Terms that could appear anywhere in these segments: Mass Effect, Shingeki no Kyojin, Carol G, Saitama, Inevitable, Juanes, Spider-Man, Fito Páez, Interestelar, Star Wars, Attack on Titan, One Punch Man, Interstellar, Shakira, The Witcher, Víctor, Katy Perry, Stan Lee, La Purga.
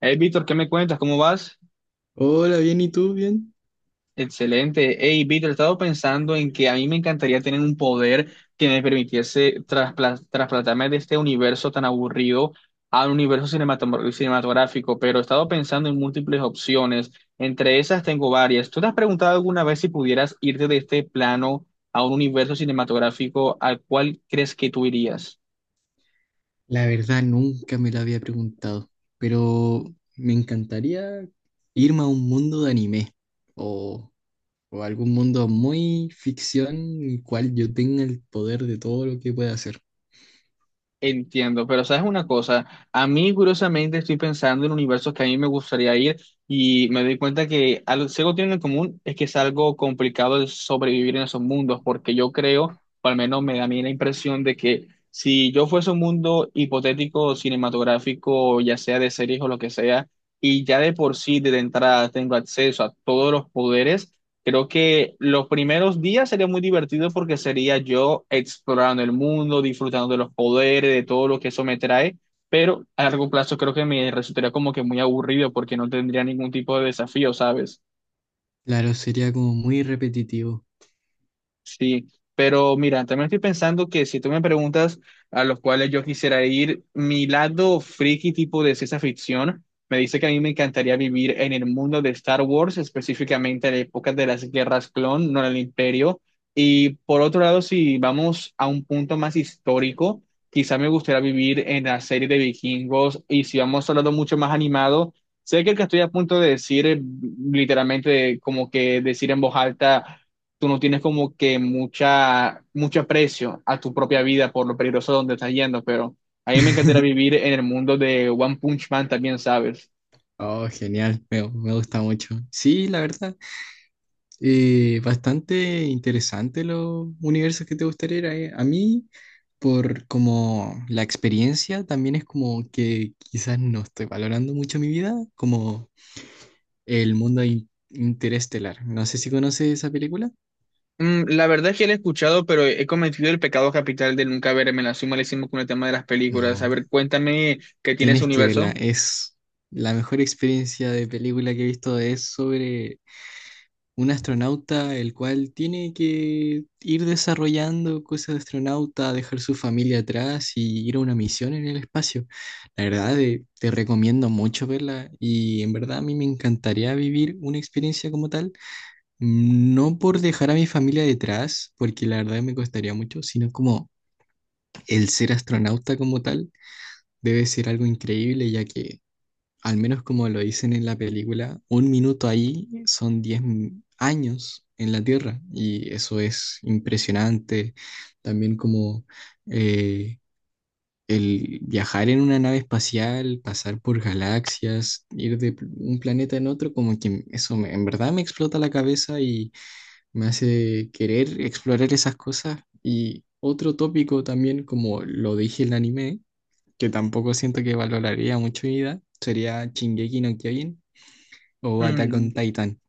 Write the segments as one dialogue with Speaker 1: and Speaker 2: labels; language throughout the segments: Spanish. Speaker 1: Hey, Víctor, ¿qué me cuentas? ¿Cómo vas?
Speaker 2: Hola, bien, ¿y tú? Bien.
Speaker 1: Excelente. Hey, Víctor, he estado pensando en que a mí me encantaría tener un poder que me permitiese trasplantarme de este universo tan aburrido al universo cinematográfico, pero he estado pensando en múltiples opciones. Entre esas tengo varias. ¿Tú te has preguntado alguna vez si pudieras irte de este plano a un universo cinematográfico al cual crees que tú irías?
Speaker 2: La verdad, nunca me la había preguntado, pero me encantaría irme a un mundo de anime o algún mundo muy ficción en el cual yo tenga el poder de todo lo que pueda hacer.
Speaker 1: Entiendo, pero sabes una cosa, a mí curiosamente estoy pensando en universos que a mí me gustaría ir y me doy cuenta que si algo tienen en común es que es algo complicado de sobrevivir en esos mundos, porque yo creo, o al menos me da a mí la impresión de que si yo fuese un mundo hipotético, cinematográfico, ya sea de series o lo que sea, y ya de por sí desde entrada tengo acceso a todos los poderes, creo que los primeros días sería muy divertido porque sería yo explorando el mundo, disfrutando de los poderes, de todo lo que eso me trae, pero a largo plazo creo que me resultaría como que muy aburrido porque no tendría ningún tipo de desafío, ¿sabes?
Speaker 2: Claro, sería como muy repetitivo.
Speaker 1: Sí, pero mira, también estoy pensando que si tú me preguntas a los cuales yo quisiera ir, mi lado friki tipo de ciencia ficción me dice que a mí me encantaría vivir en el mundo de Star Wars, específicamente en la época de las guerras clon, no en el Imperio. Y por otro lado, si vamos a un punto más histórico, quizá me gustaría vivir en la serie de vikingos. Y si vamos a un lado mucho más animado, sé que el que estoy a punto de decir, literalmente, como que decir en voz alta tú no tienes como que mucha, mucho aprecio a tu propia vida por lo peligroso donde estás yendo, pero a mí me encantaría vivir en el mundo de One Punch Man también, ¿sabes?
Speaker 2: Oh, genial, me gusta mucho. Sí, la verdad, bastante interesante los universos que te gustaría ir a, A mí, por como la experiencia, también es como que quizás no estoy valorando mucho mi vida, como el mundo interestelar. No sé si conoces esa película.
Speaker 1: La verdad es que lo he escuchado, pero he cometido el pecado capital de nunca verme. La soy malísimo con el tema de las películas. A
Speaker 2: No.
Speaker 1: ver, cuéntame qué tiene ese
Speaker 2: Tienes que verla,
Speaker 1: universo.
Speaker 2: es la mejor experiencia de película que he visto, es sobre un astronauta el cual tiene que ir desarrollando cosas de astronauta, dejar su familia atrás y ir a una misión en el espacio. La verdad, te recomiendo mucho verla y en verdad a mí me encantaría vivir una experiencia como tal, no por dejar a mi familia detrás, porque la verdad me costaría mucho, sino como el ser astronauta como tal debe ser algo increíble, ya que al menos como lo dicen en la película, un minuto ahí son 10 años en la Tierra y eso es impresionante. También como eh, el viajar en una nave espacial, pasar por galaxias, un planeta en otro, como que en verdad me explota la cabeza y me hace querer explorar esas cosas. Y otro tópico también, como lo dije en el anime, que tampoco siento que valoraría mucho mi vida, sería Shingeki no Kyojin, o Attack on
Speaker 1: Mm.
Speaker 2: Titan,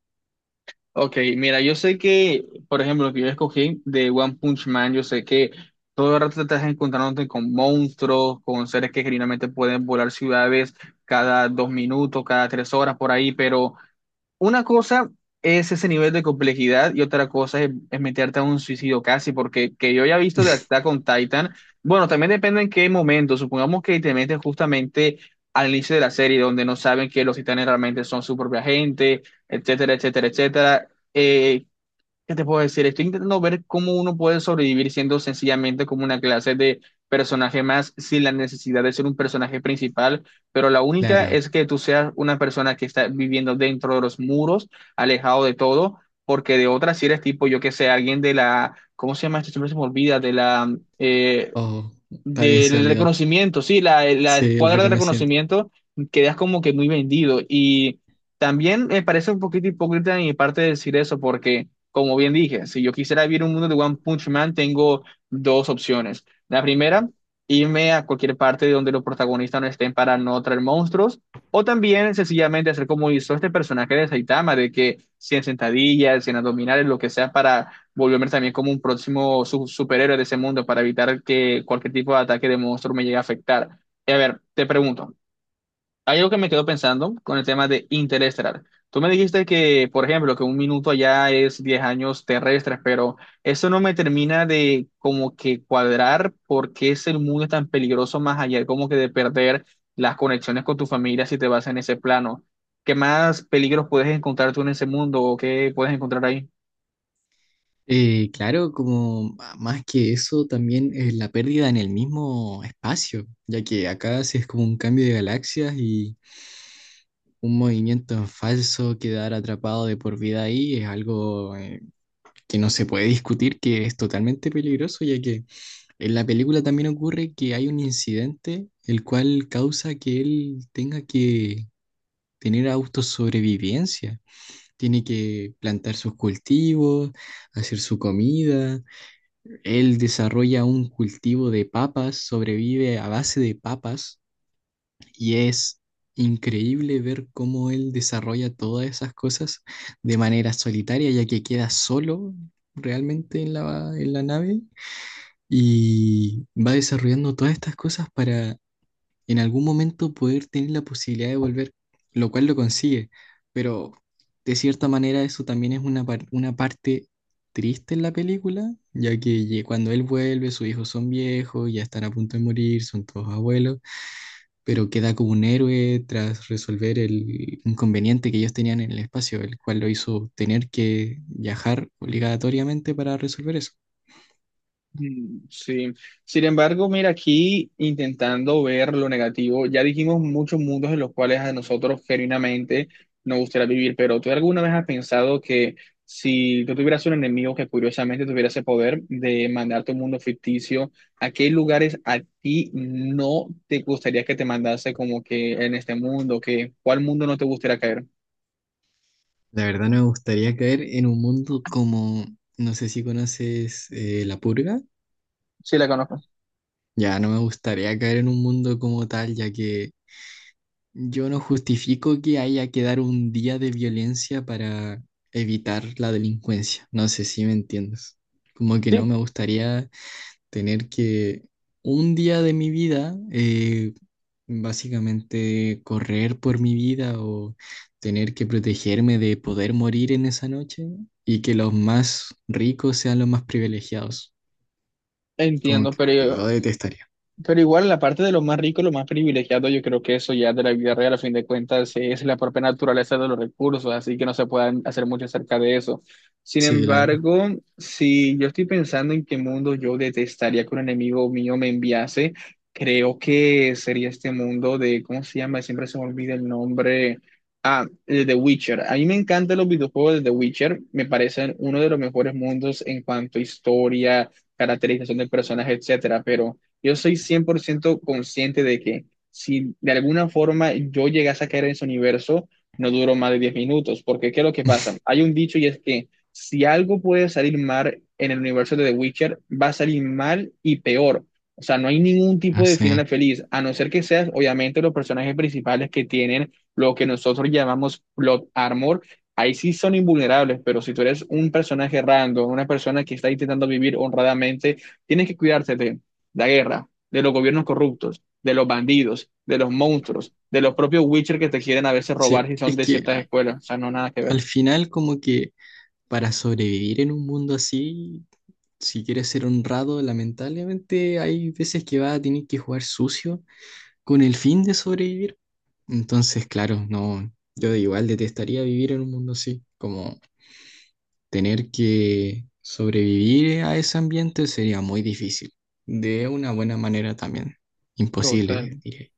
Speaker 1: Ok, mira, yo sé que, por ejemplo, lo que yo escogí de One Punch Man, yo sé que todo el rato te estás encontrándote con monstruos, con seres que generalmente pueden volar ciudades cada 2 minutos, cada 3 horas, por ahí, pero una cosa es ese nivel de complejidad y otra cosa es meterte a un suicidio casi, porque que yo ya he visto de Attack con Titan, bueno, también depende en qué momento, supongamos que te metes justamente al inicio de la serie donde no saben que los titanes realmente son su propia gente, etcétera, etcétera, etcétera. Eh, ¿Qué te puedo decir? Estoy intentando ver cómo uno puede sobrevivir siendo sencillamente como una clase de personaje más sin la necesidad de ser un personaje principal, pero la única
Speaker 2: claro.
Speaker 1: es que tú seas una persona que está viviendo dentro de los muros, alejado de todo, porque de otras si eres tipo, yo que sé, alguien de la, ¿cómo se llama esto? Siempre se me olvida, de la
Speaker 2: Oh, también se
Speaker 1: del
Speaker 2: olvidó.
Speaker 1: reconocimiento, sí, la
Speaker 2: Sí, el
Speaker 1: escuadra de
Speaker 2: reconocimiento.
Speaker 1: reconocimiento, quedas como que muy vendido. Y también me parece un poquito hipócrita de mi parte decir eso, porque, como bien dije, si yo quisiera vivir un mundo de One Punch Man, tengo dos opciones. La primera, irme a cualquier parte de donde los protagonistas no estén para no traer monstruos. O también sencillamente hacer como hizo este personaje de Saitama, de que 100 sentadillas, 100 abdominales, lo que sea para volverme también como un próximo superhéroe de ese mundo para evitar que cualquier tipo de ataque de monstruo me llegue a afectar. Y a ver, te pregunto, hay algo que me quedo pensando con el tema de Interestelar. Tú me dijiste que, por ejemplo, que un minuto allá es 10 años terrestres, pero eso no me termina de como que cuadrar por qué es el mundo tan peligroso más allá, como que de perder las conexiones con tu familia si te vas en ese plano. ¿Qué más peligros puedes encontrar tú en ese mundo o qué puedes encontrar ahí?
Speaker 2: Claro, más que eso, también es la pérdida en el mismo espacio, ya que acá sí es como un cambio de galaxias y un movimiento en falso, quedar atrapado de por vida ahí es algo que no se puede discutir, que es totalmente peligroso, ya que en la película también ocurre que hay un incidente el cual causa que él tenga que tener autosobrevivencia. Tiene que plantar sus cultivos, hacer su comida. Él desarrolla un cultivo de papas, sobrevive a base de papas y es increíble ver cómo él desarrolla todas esas cosas de manera solitaria, ya que queda solo realmente en en la nave y va desarrollando todas estas cosas para en algún momento poder tener la posibilidad de volver, lo cual lo consigue, pero de cierta manera eso también es una parte triste en la película, ya que cuando él vuelve, sus hijos son viejos, ya están a punto de morir, son todos abuelos, pero queda como un héroe tras resolver el inconveniente que ellos tenían en el espacio, el cual lo hizo tener que viajar obligatoriamente para resolver eso.
Speaker 1: Sí, sin embargo, mira, aquí intentando ver lo negativo, ya dijimos muchos mundos en los cuales a nosotros genuinamente nos gustaría vivir, pero ¿tú alguna vez has pensado que si tú tuvieras un enemigo que curiosamente tuviera ese poder de mandarte a un mundo ficticio, a qué lugares a ti no te gustaría que te mandase como que en este mundo? Que, ¿cuál mundo no te gustaría caer?
Speaker 2: La verdad no me gustaría caer en un mundo como, no sé si conoces La Purga.
Speaker 1: Sí, la conozco.
Speaker 2: Ya no me gustaría caer en un mundo como tal, ya que yo no justifico que haya que dar un día de violencia para evitar la delincuencia. No sé si me entiendes. Como que no
Speaker 1: Sí,
Speaker 2: me gustaría tener que un día de mi vida, básicamente correr por mi vida o tener que protegerme de poder morir en esa noche y que los más ricos sean los más privilegiados. Como
Speaker 1: entiendo,
Speaker 2: que
Speaker 1: pero
Speaker 2: lo detestaría.
Speaker 1: Igual la parte de lo más rico, lo más privilegiado, yo creo que eso ya de la vida real, a fin de cuentas, es la propia naturaleza de los recursos, así que no se pueden hacer mucho acerca de eso. Sin
Speaker 2: Sí, la verdad.
Speaker 1: embargo, si yo estoy pensando en qué mundo yo detestaría que un enemigo mío me enviase, creo que sería este mundo de, ¿cómo se llama? Siempre se me olvida el nombre. Ah, el de The Witcher. A mí me encantan los videojuegos de The Witcher, me parecen uno de los mejores mundos en cuanto a historia, caracterización del personaje, etcétera, pero yo soy 100% consciente de que si de alguna forma yo llegase a caer en ese universo, no duró más de 10 minutos, porque ¿qué es lo que pasa? Hay un dicho y es que si algo puede salir mal en el universo de The Witcher, va a salir mal y peor. O sea, no hay ningún
Speaker 2: No
Speaker 1: tipo de
Speaker 2: sé.
Speaker 1: final feliz, a no ser que seas, obviamente, los personajes principales que tienen lo que nosotros llamamos plot armor. Ahí sí son invulnerables, pero si tú eres un personaje random, una persona que está intentando vivir honradamente, tienes que cuidarte la guerra, de los gobiernos corruptos, de los bandidos, de los monstruos, de los propios Witcher que te quieren a veces robar
Speaker 2: Sí,
Speaker 1: si son
Speaker 2: es
Speaker 1: de
Speaker 2: que
Speaker 1: ciertas escuelas. O sea, no nada que ver.
Speaker 2: al final como que para sobrevivir en un mundo así, si quieres ser honrado, lamentablemente hay veces que vas a tener que jugar sucio con el fin de sobrevivir. Entonces, claro, no, yo igual detestaría vivir en un mundo así, como tener que sobrevivir a ese ambiente sería muy difícil. De una buena manera también,
Speaker 1: Total.
Speaker 2: imposible, diría.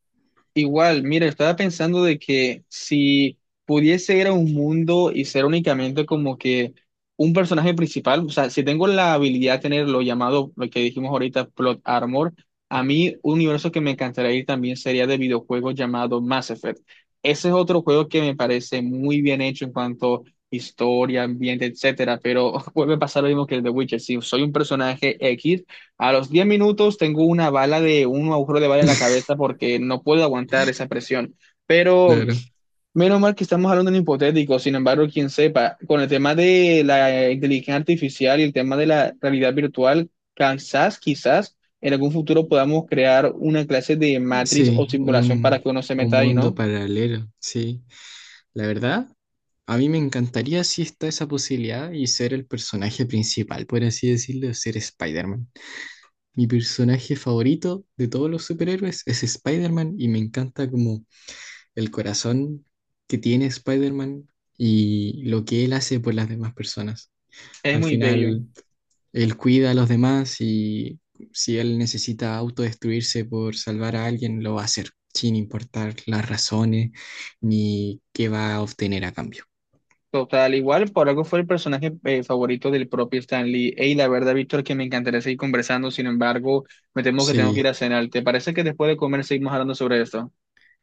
Speaker 1: Igual, mira, estaba pensando de que si pudiese ir a un mundo y ser únicamente como que un personaje principal, o sea, si tengo la habilidad de tener lo llamado, lo que dijimos ahorita, plot armor, a mí un universo que me encantaría ir también sería de videojuegos llamado Mass Effect. Ese es otro juego que me parece muy bien hecho en cuanto a historia, ambiente, etcétera, pero vuelve a pasar lo mismo que el de Witcher. Si soy un personaje X, a los 10 minutos tengo una bala de un agujero de bala en la cabeza porque no puedo aguantar esa presión. Pero
Speaker 2: Claro,
Speaker 1: menos mal que estamos hablando de un hipotético, sin embargo, quien sepa, con el tema de la inteligencia artificial y el tema de la realidad virtual, quizás, quizás en algún futuro podamos crear una clase de matriz o
Speaker 2: sí,
Speaker 1: simulación para que uno se
Speaker 2: un
Speaker 1: meta ahí,
Speaker 2: mundo
Speaker 1: ¿no?
Speaker 2: paralelo, sí. La verdad, a mí me encantaría si está esa posibilidad y ser el personaje principal, por así decirlo, ser Spider-Man. Mi personaje favorito de todos los superhéroes es Spider-Man y me encanta como el corazón que tiene Spider-Man y lo que él hace por las demás personas.
Speaker 1: Es
Speaker 2: Al
Speaker 1: muy bello.
Speaker 2: final, él cuida a los demás y si él necesita autodestruirse por salvar a alguien, lo va a hacer, sin importar las razones ni qué va a obtener a cambio.
Speaker 1: Total, igual, por algo fue el personaje favorito del propio Stan Lee. Ey, la verdad, Víctor, que me encantaría seguir conversando, sin embargo, me temo que tengo que ir
Speaker 2: Sí,
Speaker 1: a cenar. ¿Te parece que después de comer seguimos hablando sobre esto?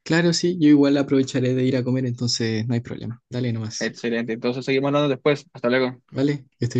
Speaker 2: claro, sí, yo igual aprovecharé de ir a comer, entonces no hay problema. Dale nomás,
Speaker 1: Excelente, entonces seguimos hablando después. Hasta luego.
Speaker 2: ¿vale? Que estés